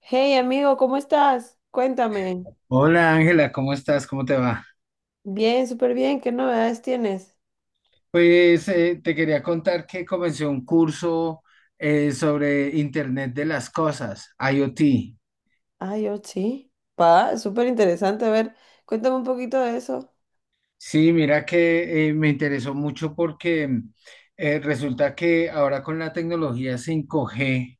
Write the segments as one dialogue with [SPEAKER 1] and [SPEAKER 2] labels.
[SPEAKER 1] Hey amigo, ¿cómo estás? Cuéntame.
[SPEAKER 2] Hola Ángela, ¿cómo estás? ¿Cómo te va?
[SPEAKER 1] Bien, súper bien. ¿Qué novedades tienes?
[SPEAKER 2] Pues te quería contar que comencé un curso sobre Internet de las Cosas, IoT.
[SPEAKER 1] Ah, yo sí. Pa, súper interesante. A ver, cuéntame un poquito de eso.
[SPEAKER 2] Sí, mira que me interesó mucho porque resulta que ahora con la tecnología 5G,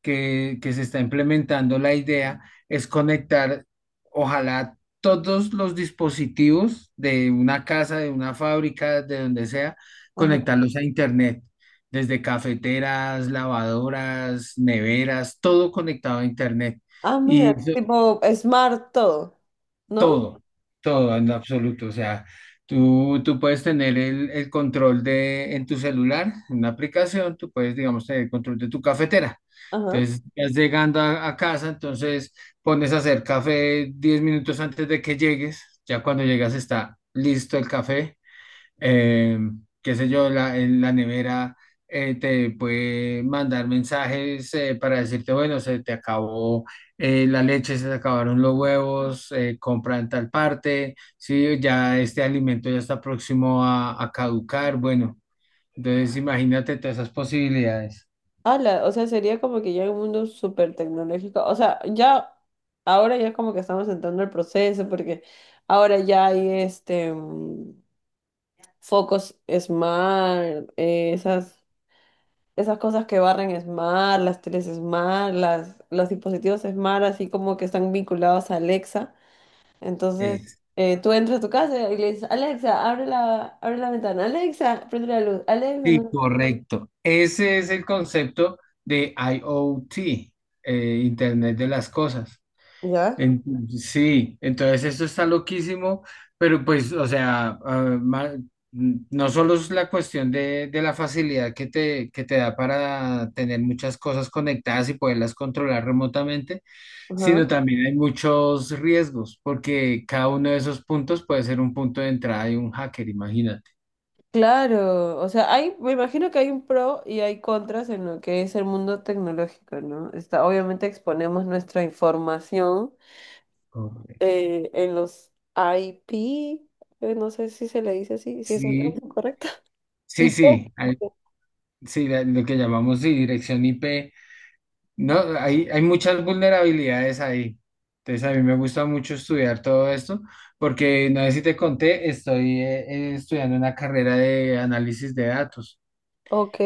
[SPEAKER 2] que se está implementando. La idea es conectar, ojalá, todos los dispositivos de una casa, de una fábrica, de donde sea,
[SPEAKER 1] Ajá.
[SPEAKER 2] conectarlos a Internet, desde cafeteras, lavadoras, neveras, todo conectado a Internet.
[SPEAKER 1] Ah, mira,
[SPEAKER 2] Y
[SPEAKER 1] tipo smart todo, ¿no?
[SPEAKER 2] todo, todo en absoluto. O sea, tú puedes tener el control de en tu celular, en una aplicación, tú puedes, digamos, tener el control de tu cafetera.
[SPEAKER 1] Ajá.
[SPEAKER 2] Entonces, estás llegando a casa, entonces pones a hacer café 10 minutos antes de que llegues. Ya cuando llegas está listo el café. Eh, qué sé yo, en la nevera, te puede mandar mensajes para decirte, bueno, se te acabó, la leche, se te acabaron los huevos, compra en tal parte, sí, ya este alimento ya está próximo a caducar, bueno, entonces imagínate todas esas posibilidades.
[SPEAKER 1] Ala, o sea, sería como que ya un mundo súper tecnológico. O sea, ya, ahora ya como que estamos entrando al proceso porque ahora ya hay este focos smart, esas. Esas cosas que barren Smart, las teles Smart, los dispositivos Smart, así como que están vinculados a Alexa. Entonces,
[SPEAKER 2] Es-
[SPEAKER 1] tú entras a tu casa y le dices, Alexa, abre la ventana, Alexa, prende la luz, Alexa,
[SPEAKER 2] sí,
[SPEAKER 1] no sé
[SPEAKER 2] correcto. Ese es el concepto de IoT, Internet de las Cosas.
[SPEAKER 1] qué". ¿Ya?
[SPEAKER 2] En- sí, entonces esto está loquísimo, pero pues, o sea, no solo es la cuestión de la facilidad que te da para tener muchas cosas conectadas y poderlas controlar remotamente, sino
[SPEAKER 1] Ajá.
[SPEAKER 2] también hay muchos riesgos, porque cada uno de esos puntos puede ser un punto de entrada de un hacker, imagínate.
[SPEAKER 1] Claro, o sea, hay, me imagino que hay un pro y hay contras en lo que es el mundo tecnológico, ¿no? Está, obviamente exponemos nuestra información
[SPEAKER 2] Correcto.
[SPEAKER 1] en los IP, no sé si se le dice así, si es el
[SPEAKER 2] Sí,
[SPEAKER 1] término correcto.
[SPEAKER 2] sí,
[SPEAKER 1] Hipócrita.
[SPEAKER 2] sí, sí, lo que llamamos, sí, dirección IP. No, hay muchas vulnerabilidades ahí. Entonces, a mí me gusta mucho estudiar todo esto, porque no sé si te conté, estoy estudiando una carrera de análisis de datos.
[SPEAKER 1] Ok,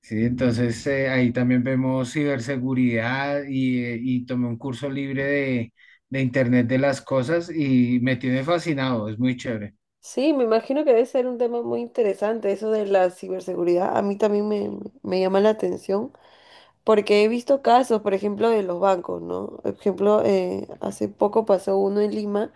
[SPEAKER 2] Sí, entonces ahí también vemos ciberseguridad y tomé un curso libre de Internet de las Cosas y me tiene fascinado, es muy chévere.
[SPEAKER 1] sí, me imagino que debe ser un tema muy interesante eso de la ciberseguridad. A mí también me llama la atención porque he visto casos, por ejemplo, de los bancos, ¿no? Por ejemplo, hace poco pasó uno en Lima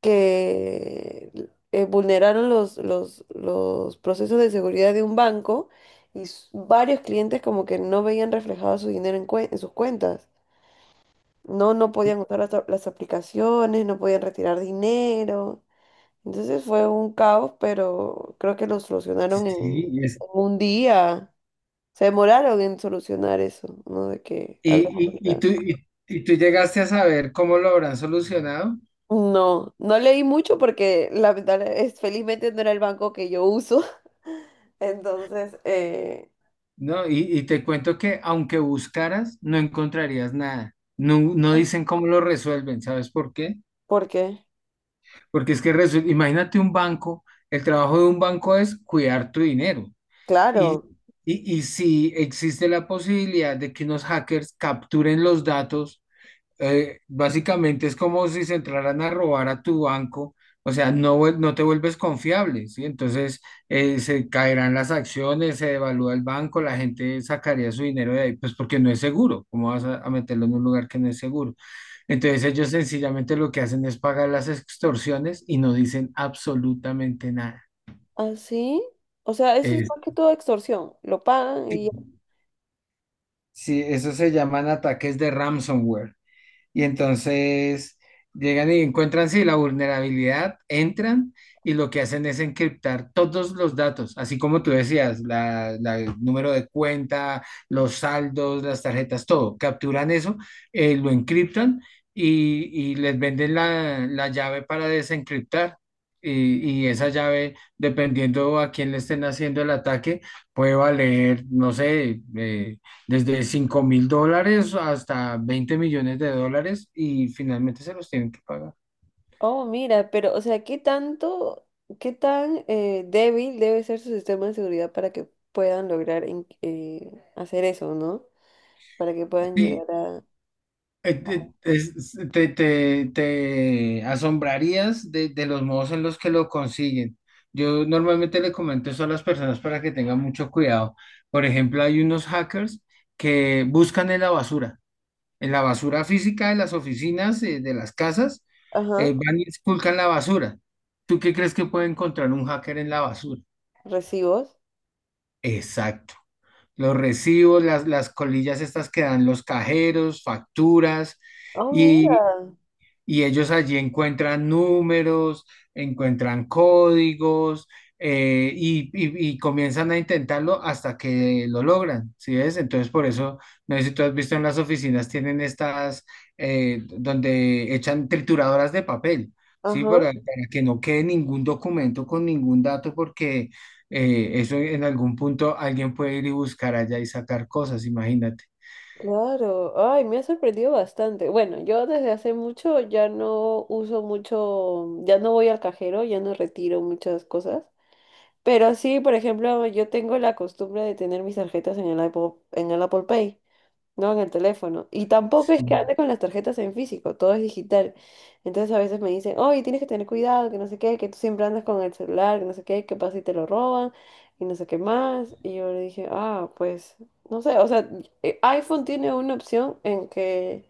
[SPEAKER 1] que vulneraron los procesos de seguridad de un banco y varios clientes como que no veían reflejado su dinero en, en sus cuentas. No, no podían usar las aplicaciones, no podían retirar dinero. Entonces fue un caos, pero creo que lo solucionaron
[SPEAKER 2] Sí,
[SPEAKER 1] en un día. Se demoraron en solucionar eso, ¿no? De que
[SPEAKER 2] y,
[SPEAKER 1] había
[SPEAKER 2] y- y
[SPEAKER 1] verdad.
[SPEAKER 2] tú, y y tú llegaste a saber cómo lo habrán solucionado.
[SPEAKER 1] No, no leí mucho porque lamentable es, felizmente no era el banco que yo uso. Entonces,
[SPEAKER 2] No, y te cuento que aunque buscaras, no encontrarías nada. No, no dicen cómo lo resuelven, ¿sabes por qué?
[SPEAKER 1] ¿por qué?
[SPEAKER 2] Porque es que imagínate un banco, el trabajo de un banco es cuidar tu dinero. Y,
[SPEAKER 1] Claro.
[SPEAKER 2] y si existe la posibilidad de que unos hackers capturen los datos, básicamente es como si se entraran a robar a tu banco, o sea, no, no te vuelves confiable, ¿sí? Entonces se caerán las acciones, se devalúa el banco, la gente sacaría su dinero de ahí, pues porque no es seguro. ¿Cómo vas a meterlo en un lugar que no es seguro? Entonces ellos sencillamente lo que hacen es pagar las extorsiones y no dicen absolutamente nada.
[SPEAKER 1] ¿Así? O sea, eso es
[SPEAKER 2] Es-
[SPEAKER 1] más que todo extorsión. Lo pagan y
[SPEAKER 2] sí, eso se llaman ataques de ransomware. Y entonces llegan y encuentran, sí, la vulnerabilidad, entran y lo que hacen es encriptar todos los datos, así como tú decías, el número de cuenta, los saldos, las tarjetas, todo. Capturan eso, lo encriptan y les venden la llave para desencriptar. Y esa llave, dependiendo a quién le estén haciendo el ataque, puede valer, no sé, desde 5.000 dólares hasta 20 millones de dólares, y finalmente se los tienen que pagar.
[SPEAKER 1] oh, mira, pero, o sea, ¿qué tanto, qué tan débil debe ser su sistema de seguridad para que puedan lograr hacer eso, ¿no? Para que puedan
[SPEAKER 2] Sí,
[SPEAKER 1] llegar a,
[SPEAKER 2] te, es- te- te- te asombrarías de los modos en los que lo consiguen. Yo normalmente le comento eso a las personas para que tengan mucho cuidado. Por ejemplo, hay unos hackers que buscan en la basura física de las oficinas, de las casas,
[SPEAKER 1] ajá,
[SPEAKER 2] van y esculcan la basura. ¿Tú qué crees que puede encontrar un hacker en la basura?
[SPEAKER 1] recibos.
[SPEAKER 2] Exacto. Los recibos, las colillas estas que dan los cajeros, facturas,
[SPEAKER 1] Oh,
[SPEAKER 2] y,
[SPEAKER 1] mira,
[SPEAKER 2] y ellos allí encuentran números, encuentran códigos, y comienzan a intentarlo hasta que lo logran, ¿sí ves? Entonces, por eso, no sé si tú has visto en las oficinas, tienen estas, donde echan trituradoras de papel, ¿sí?
[SPEAKER 1] ajá,
[SPEAKER 2] Para que no quede ningún documento con ningún dato, porque eso en algún punto alguien puede ir y buscar allá y sacar cosas, imagínate.
[SPEAKER 1] claro. Ay, me ha sorprendido bastante. Bueno, yo desde hace mucho ya no uso mucho, ya no voy al cajero, ya no retiro muchas cosas. Pero sí, por ejemplo, yo tengo la costumbre de tener mis tarjetas en el Apple Pay. No, en el teléfono. Y tampoco es que
[SPEAKER 2] Sí.
[SPEAKER 1] ande con las tarjetas en físico, todo es digital. Entonces a veces me dicen, oye, tienes que tener cuidado, que no sé qué, que tú siempre andas con el celular, que no sé qué, qué pasa si te lo roban y no sé qué más. Y yo le dije, ah, pues, no sé, o sea, iPhone tiene una opción en que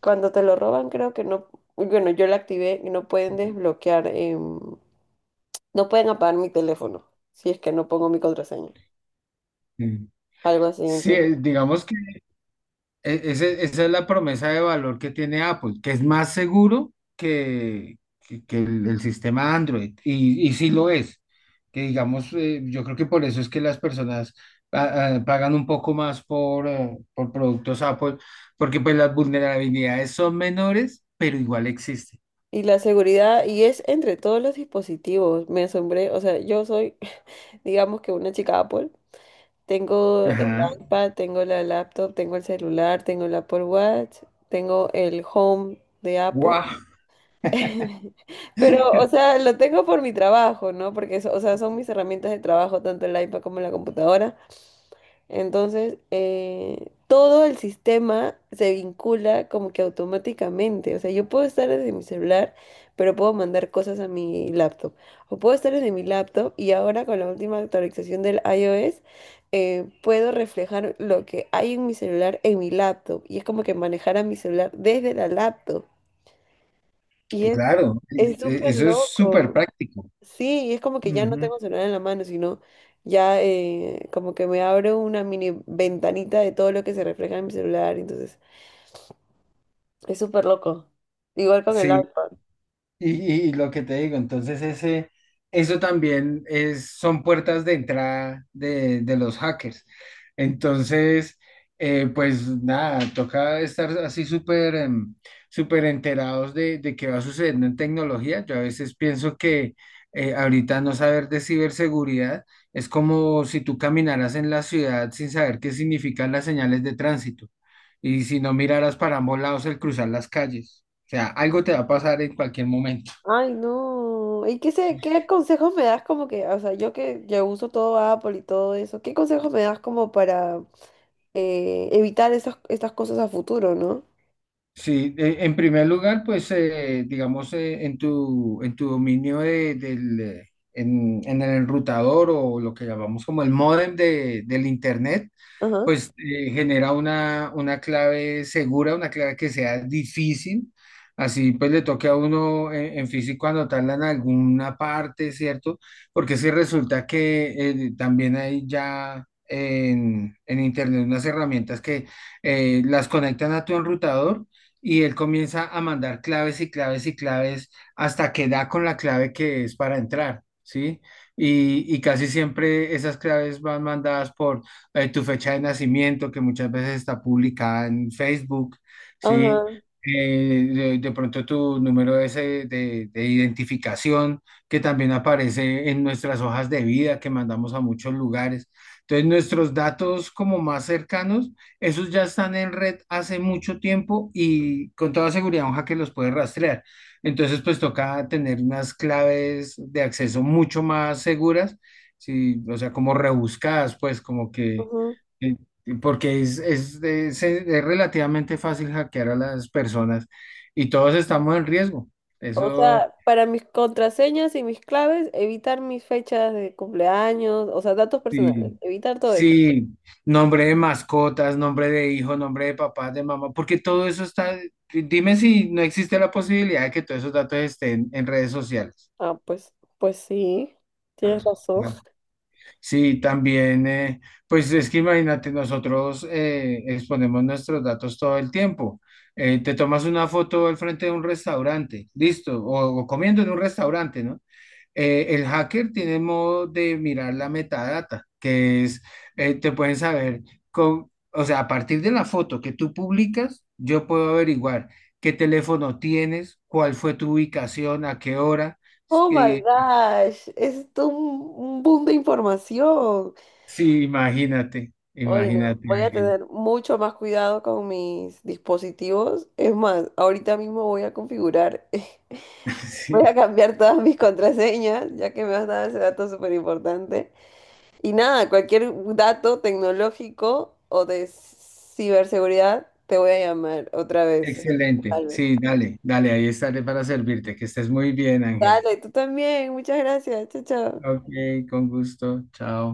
[SPEAKER 1] cuando te lo roban creo que no, bueno, yo la activé y no pueden desbloquear, no pueden apagar mi teléfono si es que no pongo mi contraseña.
[SPEAKER 2] Mm.
[SPEAKER 1] Algo así,
[SPEAKER 2] Sí,
[SPEAKER 1] entonces
[SPEAKER 2] digamos, esa es la promesa de valor que tiene Apple, que es más seguro que, que el sistema Android, y sí lo es, que digamos, yo creo que por eso es que las personas pagan un poco más por productos Apple, porque pues las vulnerabilidades son menores, pero igual existen.
[SPEAKER 1] y la seguridad, y es entre todos los dispositivos, me asombré, o sea, yo soy, digamos que una chica Apple, tengo el
[SPEAKER 2] Ajá.
[SPEAKER 1] iPad, tengo la laptop, tengo el celular, tengo el Apple Watch, tengo el Home de Apple,
[SPEAKER 2] ¡Guau!
[SPEAKER 1] pero, o sea, lo tengo por mi trabajo, ¿no? Porque, o sea, son mis herramientas de trabajo, tanto el iPad como la computadora. Entonces, todo el sistema se vincula como que automáticamente. O sea, yo puedo estar desde mi celular, pero puedo mandar cosas a mi laptop. O puedo estar desde mi laptop y ahora con la última actualización del iOS, puedo reflejar lo que hay en mi celular en mi laptop. Y es como que manejar a mi celular desde la laptop. Y
[SPEAKER 2] Claro,
[SPEAKER 1] es súper
[SPEAKER 2] eso es súper
[SPEAKER 1] loco.
[SPEAKER 2] práctico.
[SPEAKER 1] Sí, y es como que ya no
[SPEAKER 2] Ujú.
[SPEAKER 1] tengo celular en la mano, sino ya como que me abro una mini ventanita de todo lo que se refleja en mi celular, entonces es súper loco. Igual con el
[SPEAKER 2] Sí.
[SPEAKER 1] iPad.
[SPEAKER 2] Y, y lo que te digo, entonces eso también son puertas de entrada de los hackers. Entonces, pues nada, toca estar así súper, súper enterados de qué va sucediendo en tecnología. Yo a veces pienso que ahorita no saber de ciberseguridad es como si tú caminaras en la ciudad sin saber qué significan las señales de tránsito y si no miraras para ambos lados al cruzar las calles, sea, algo te va a pasar en cualquier momento.
[SPEAKER 1] Ay, no. ¿Y qué se, qué consejos me das como que, o sea, yo que ya uso todo Apple y todo eso, ¿qué consejos me das como para evitar estas cosas a futuro, ¿no?
[SPEAKER 2] Sí, en primer lugar, pues digamos, en tu dominio del, en el enrutador, o lo que llamamos como el módem del internet,
[SPEAKER 1] Ajá.
[SPEAKER 2] pues genera una clave segura, una clave que sea difícil, así pues le toque a uno, en físico anotarla en alguna parte, ¿cierto? Porque si resulta que también hay ya en internet unas herramientas que las conectan a tu enrutador, y él comienza a mandar claves y claves y claves hasta que da con la clave que es para entrar, ¿sí? Y casi siempre esas claves van mandadas por tu fecha de nacimiento, que muchas veces está publicada en Facebook, ¿sí?
[SPEAKER 1] Ajá.
[SPEAKER 2] De pronto tu número ese de identificación, que también aparece en nuestras hojas de vida que mandamos a muchos lugares. Entonces, nuestros datos como más cercanos, esos ya están en red hace mucho tiempo, y con toda seguridad un hacker los puede rastrear. Entonces, pues toca tener unas claves de acceso mucho más seguras, sí, o sea, como rebuscadas, pues como que,
[SPEAKER 1] Ajá.
[SPEAKER 2] eh, porque es relativamente fácil hackear a las personas y todos estamos en riesgo.
[SPEAKER 1] O
[SPEAKER 2] Eso.
[SPEAKER 1] sea, para mis contraseñas y mis claves, evitar mis fechas de cumpleaños, o sea, datos personales,
[SPEAKER 2] Sí,
[SPEAKER 1] evitar todo eso.
[SPEAKER 2] sí, nombre de mascotas, nombre de hijo, nombre de papá, de mamá, porque todo eso está, dime si no existe la posibilidad de que todos esos datos estén en redes sociales.
[SPEAKER 1] Ah, pues, pues sí, tienes razón.
[SPEAKER 2] Bueno. Sí, también, pues es que imagínate, nosotros exponemos nuestros datos todo el tiempo. Te tomas una foto al frente de un restaurante, listo, o comiendo en un restaurante, ¿no? El hacker tiene modo de mirar la metadata, que es, te pueden saber, con, o sea, a partir de la foto que tú publicas, yo puedo averiguar qué teléfono tienes, cuál fue tu ubicación, a qué hora.
[SPEAKER 1] Oh my
[SPEAKER 2] eh,
[SPEAKER 1] gosh, es todo un boom de información.
[SPEAKER 2] sí, imagínate,
[SPEAKER 1] Hoy no,
[SPEAKER 2] imagínate,
[SPEAKER 1] voy a
[SPEAKER 2] Ángela.
[SPEAKER 1] tener mucho más cuidado con mis dispositivos. Es más, ahorita mismo voy a configurar, voy a
[SPEAKER 2] Sí,
[SPEAKER 1] cambiar todas mis contraseñas, ya que me has dado ese dato súper importante. Y nada, cualquier dato tecnológico o de ciberseguridad, te voy a llamar otra vez.
[SPEAKER 2] excelente.
[SPEAKER 1] Albert.
[SPEAKER 2] Sí, dale, dale, ahí estaré para servirte. Que estés muy bien, Ángela.
[SPEAKER 1] Dale, tú también. Muchas gracias. Chao, chao.
[SPEAKER 2] Ok, con gusto. Chao.